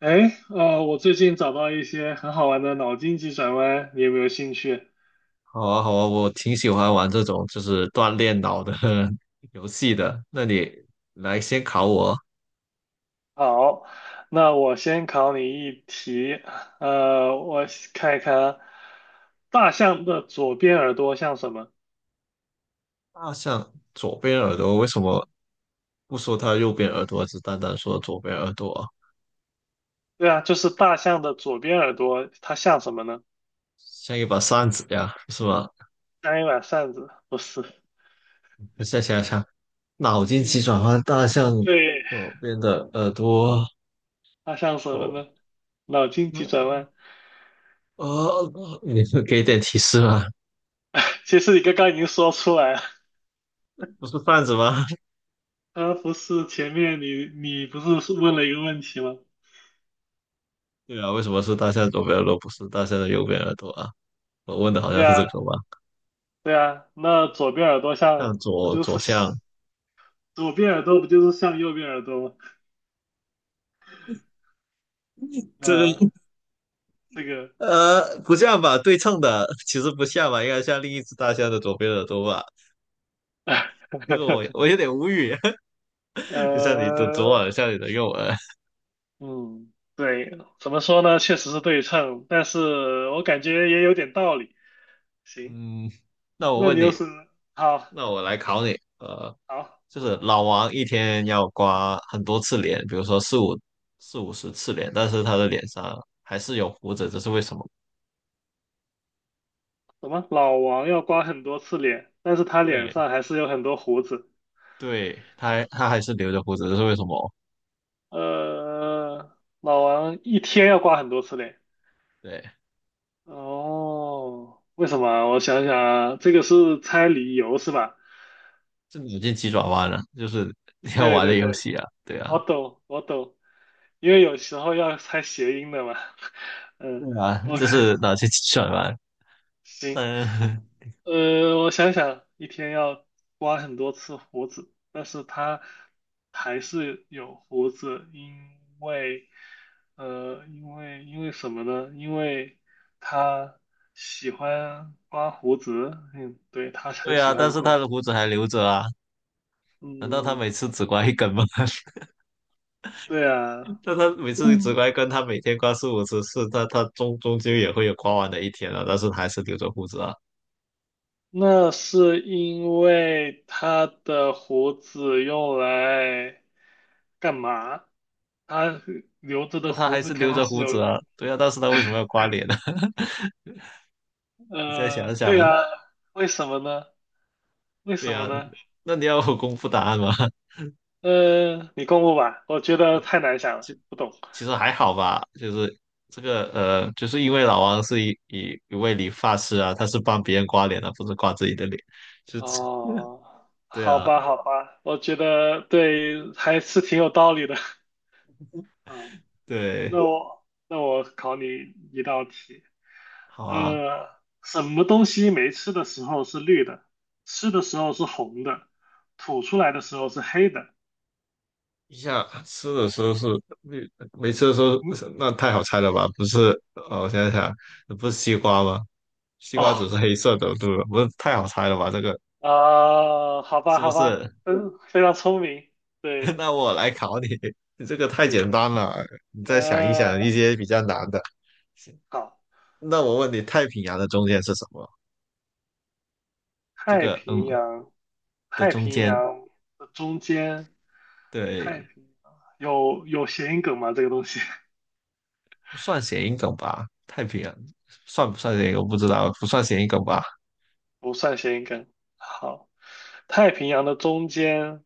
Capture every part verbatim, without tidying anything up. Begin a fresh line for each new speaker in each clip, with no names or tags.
哎，呃，我最近找到一些很好玩的脑筋急转弯，你有没有兴趣？
好啊，好啊，我挺喜欢玩这种就是锻炼脑的 游戏的。那你来先考我，
好，那我先考你一题，呃，我看一看啊，大象的左边耳朵像什么？
大象左边耳朵为什么不说它右边耳朵，只单单说左边耳朵啊，
对啊，就是大象的左边耳朵，它像什么呢？
像一把扇子呀，是吧？
像一把扇子，不是？
那再想想，脑筋急
嗯，
转弯，大象
对，
左边的耳朵，
它像什么
我
呢？脑筋急转弯，
呃，哦你是给点提示吗？
其实你刚刚已经说出来了，
不是扇子吗？
呃，不是前面你你不是问了一个问题吗？
对啊，为什么是大象左边耳朵，不是大象的右边耳朵啊？我问的好
对
像是
啊，
这个吧？
对啊，那左边耳朵
向
像不
左
就
左向，
是左边耳朵不就是像右边耳朵吗？嗯
这
呃，
个
这个，
呃不像吧？对称的 其实不像吧，应该像另一只大象的左边耳朵吧？这个我 我有点无语，就像你的左
呃，
耳像你的右耳。
嗯，对，怎么说呢？确实是对称，但是我感觉也有点道理。行，
嗯，那我
那
问
你又
你，
是好
那我来考你，呃，
好
就是老王一天要刮很多次脸，比如说四五四五十次脸，但是他的脸上还是有胡子，这是为什么？
什么？老王要刮很多次脸，但是他脸
对
上还是有很多胡子。
对，他还他还是留着胡子，这是为什么？
呃，老王一天要刮很多次脸。
对。
哦，为什么啊我想想啊，这个是猜理由是吧？
是脑筋急转弯啊，就是 你要
对
玩的
对
游
对，
戏啊，对啊，
我懂我懂，因为有时候要猜谐音的嘛。嗯，
对啊，
我
就
看
是脑筋急转弯。
行，
但
呃，我想想，一天要刮很多次胡子，但是他还是有胡子，因为呃，因为因为什么呢？因为他喜欢刮胡子，嗯，对，他 很
对
喜
啊，但
欢
是他
刮。
的胡子还留着啊，难道他
嗯，
每次只刮一根吗？
对啊，
但他每次只
嗯，
刮一根，他每天刮四五十次，他他终终究也会有刮完的一天啊，但是他还是留着胡子啊，
那是因为他的胡子用来干嘛？他留着
那
的
他
胡
还
子
是
肯
留
定
着
是
胡
有
子啊，
用。
对啊，但是他为什么要刮脸呢？你再
呃，
想
对
想，
啊，为什么呢？为
对
什么
啊，
呢？
那你要我公布答案吗？
呃，你公布吧，我觉得太难想了，
其
不懂。
其实还好吧，就是这个呃，就是因为老王是一一一位理发师啊，他是帮别人刮脸的，不是刮自己的脸，就
哦，
对
好
啊，
吧，好吧，我觉得对，还是挺有道理的。
对，
那我那我考你一道题，
好啊。
呃，什么东西没吃的时候是绿的，吃的时候是红的，吐出来的时候是黑的？
一下吃的时候是没没吃的时候
嗯，
是那太好猜了吧？不是，哦，我想想，不是西瓜吗？西瓜
哦，
只是黑色的，对吧？不是太好猜了吧？这个
啊、好吧，
是不
好吧，
是？
嗯，非常聪明，对，
那我来考你，你这个太
行，
简单了，你再想一想一
呃，
些比较难的。
好，
那我问你，太平洋的中间是什么？这
太
个
平
嗯
洋，
的
太
中
平
间，
洋的中间，
对，
太平有有谐音梗吗？这个东西
算谐音梗吧？太平洋算不算谐音梗我不知道，不算谐音梗吧？
不算谐音梗。好，太平洋的中间。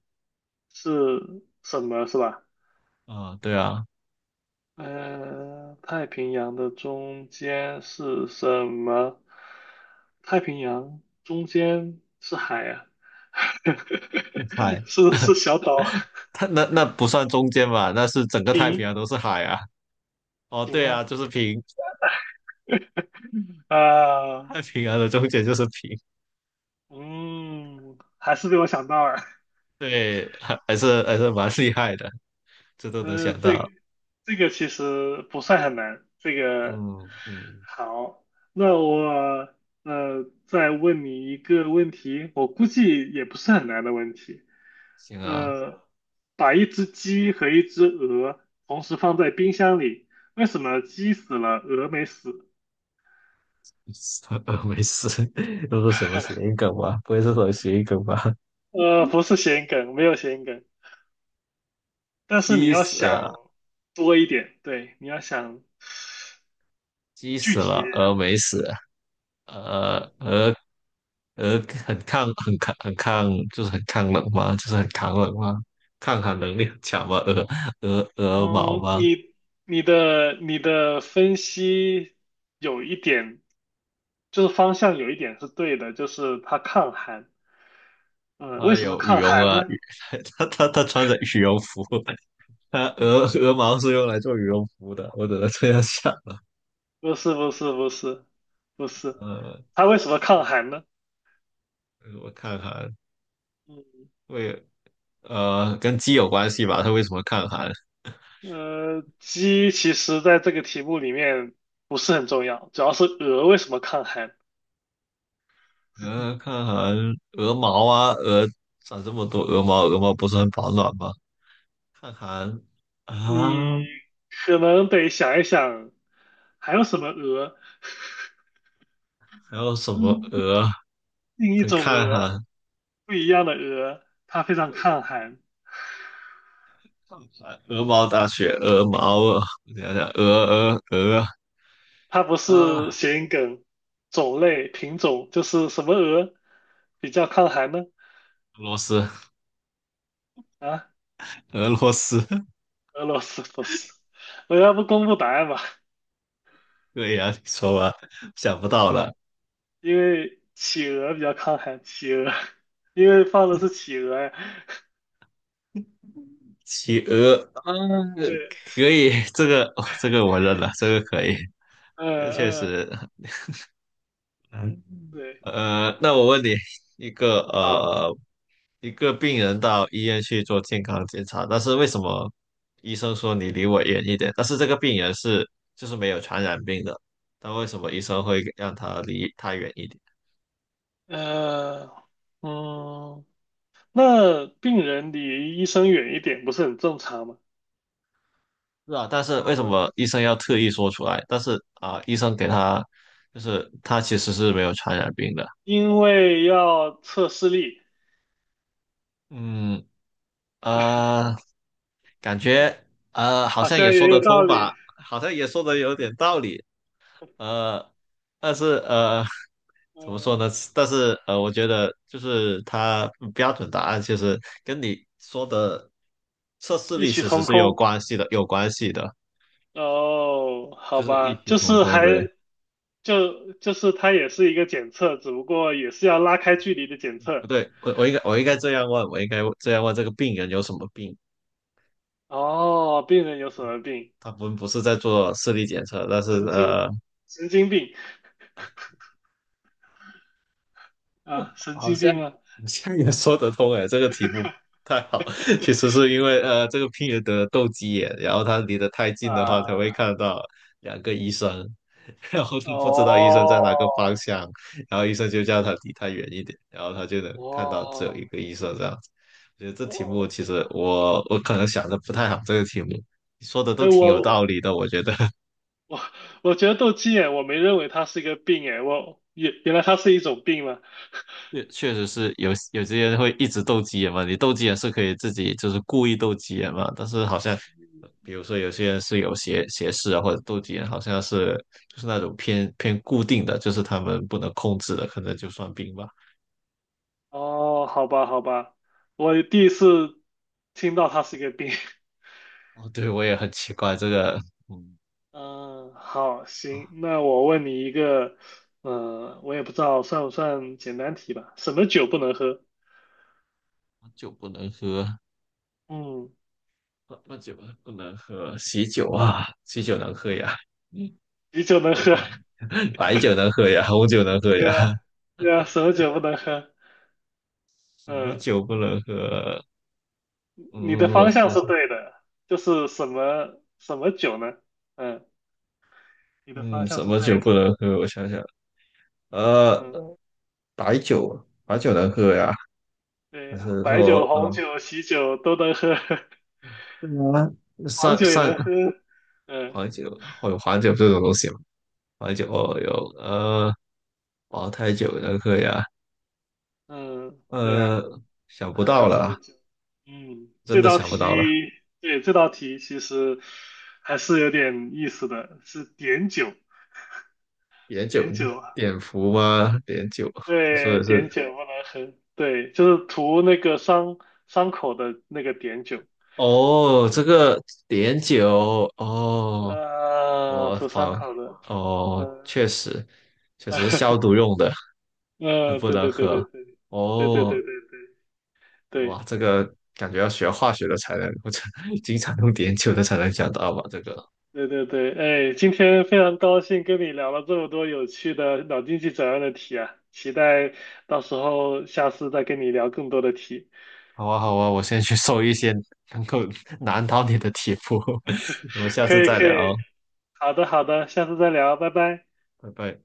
是什么是吧？
啊、对啊，
嗯，太平洋的中间是什么？太平洋中间是海啊，
海，
是是小岛，
它那那不算中间吧？那是整个太平
平
洋都是海啊。哦，
平
对
啊
啊，就是平，
啊，
太平洋的中间就是平。
嗯，还是被我想到了。
对，还还是还是蛮厉害的，这都能
呃，
想到。
这这个其实不算很难。这个
嗯嗯，
好，那我呃再问你一个问题，我估计也不是很难的问题。
行啊，
呃，把一只鸡和一只鹅同时放在冰箱里，为什么鸡死了，鹅没死？
没事，都是什么谐音 梗吧？不会是什么谐音梗吧？
呃，不是谐音梗，没有谐音梗，但是你
鸡
要
死，
想多一点，对，你要想
鸡
具
死
体一
了，
点。
鹅没死，呃，
嗯。
鹅鹅很抗很抗很抗，就是很抗冷吗？就是很抗冷吗？抗寒能力很强吗？鹅鹅鹅毛
嗯，
吗？
你你的你的分析有一点，就是方向有一点是对的，就是它抗寒。嗯，为
它
什么
有羽
抗
绒
寒
啊，
呢？
羽 它它它 穿着羽绒服，它鹅鹅毛是用来做羽绒服的，我只能这样想。
不是不是不是不是，
呃，
它为什么抗寒呢？
我看看，为呃跟鸡有关系吧？它为什么抗寒？
嗯，呃，鸡其实在这个题目里面不是很重要，主要是鹅为什么抗寒
鹅 抗寒鹅毛啊，鹅长这么多鹅毛，鹅毛不是很保暖吗？看韩
你
啊，
可能得想一想，还有什么鹅？
还有什么鹅？
另一
等
种
看
鹅，
韩，
不一样的鹅，它非常
喂，
抗寒，
看韩，鹅毛大雪，鹅毛啊，我想想，鹅鹅鹅
它不是
啊，
谐音梗，种类品种就是什么鹅比较抗寒呢？
俄罗斯，
啊，
俄罗斯，
俄罗斯不是，我要不公布答案吧？
对呀、你说吧，想不到
嗯
了，
因为企鹅比较抗寒，企鹅，因为放的是企鹅呀。
企鹅，啊，
对，
可以，这个、哦这个我认了，这个可以，
嗯
这确
嗯，
实，
对，
呃，那我问你，一个
好，
呃，一个病人到医院去做健康检查，但是为什么医生说你离我远一点？但是这个病人是就是没有传染病的，但为什么医生会让他离他远一点？
嗯嗯，那病人离医生远一点不是很正常吗？
是啊，但是为什
嗯，
么医生要特意说出来？但是啊、医生给他就是他其实是没有传染病的。
因为要测视力，
嗯啊、呃感觉呃好
好
像也
像
说
也
得
有道
通吧，
理。
好像也说得有点道理，呃，但是呃 怎么说
嗯，
呢？但是呃，我觉得就是它嗯标准答案其实跟你说的测试
异
力
曲
其实
同
是有
工。
关系的，有关系的，
哦，好
就是异
吧，
曲
就
同
是
工。
还
对，
就就是它也是一个检测，只不过也是要拉开距离的检
不
测。
对？我我应该我应该这样问，我应该这样问这个病人有什么病？
哦，病人有什么病？
他不不是在做视力检测，但是
神经
呃。
神经病啊，神经病吗？
你这样也说得通哎，这个题目太好。其实是因为呃，这个病人得了斗鸡眼，然后他离得太近的话，他
啊，
会看到两个医生，然后他不知道医生在哪个方
哦
向，然后医生就叫他离他远一点，然后他就能看到只有一
哦
个医生这样子。我觉得这题
哦，
目其实我我可能想的不太好，这个题目你说的都
哎，
挺有道
我
理的，我觉得。
我我觉得斗鸡眼，我没认为它是一个病，哎，我原原来它是一种病吗？
确确实是有有些人会一直斗鸡眼嘛，你斗鸡眼是可以自己就是故意斗鸡眼嘛，但是好像呃比如说有些人是有斜斜视啊，或者斗鸡眼，好像是就是那种偏偏固定的，就是他们不能控制的，可能就算病吧。
哦，好吧，好吧，我第一次听到它是一个病。
哦，对，我也很奇怪这个，嗯
嗯，好，行，
啊，
那我问你一个，嗯、我也不知道算不算简单题吧？什么酒不能喝？
酒不能喝，
嗯，
那那酒不能喝，喜酒啊，喜酒能喝呀，嗯，
啤酒能喝，
白酒能喝呀，红酒能 喝
对
呀，
啊，对啊，什么酒不能喝？
什么
嗯，
酒不能喝？
你的
嗯，我
方向是
想。
对的，就是什么什么酒呢？嗯，你的方
嗯，
向
什
是
么
对
酒不
的，
能喝？我想想，呃，
嗯，
白酒，白酒能喝呀？还
对，
是
白酒、
说，
红
呃，
酒、喜酒都能喝，
对啊，
黄
三
酒也
三
能喝，嗯。
黄酒会有黄酒这种东西吗？黄酒哦有，呃，茅台酒能喝呀？
嗯，对啊，
呃，想不
还
到
有什么
了，
酒？嗯，
真
这
的
道
想不到了。
题，对，这道题其实还是有点意思的，是碘酒，
碘酒，
碘酒，
碘伏吗？碘酒，你说
对，
的是？
碘酒不能喝，对，就是涂那个伤伤口的那个碘酒，
哦，这个碘酒，哦，
呃，
我
涂伤
仿，
口的，
哦，
呃
确实，确实是消
嗯，
毒用的。很
呃，
不
对
能
对对对
喝。
对对对
哦，
对对
哇，
对，
这个感觉要学化学的才能，或者 经常用碘酒的才能想到吧？这个，
对对对，哎，今天非常高兴跟你聊了这么多有趣的脑筋急转弯的题啊，期待到时候下次再跟你聊更多的题。
好啊，好啊，我先去搜一些能够 难倒你的题目，我们下
可
次
以
再
可
聊哦，
以，好的好的，下次再聊，拜拜。
拜拜。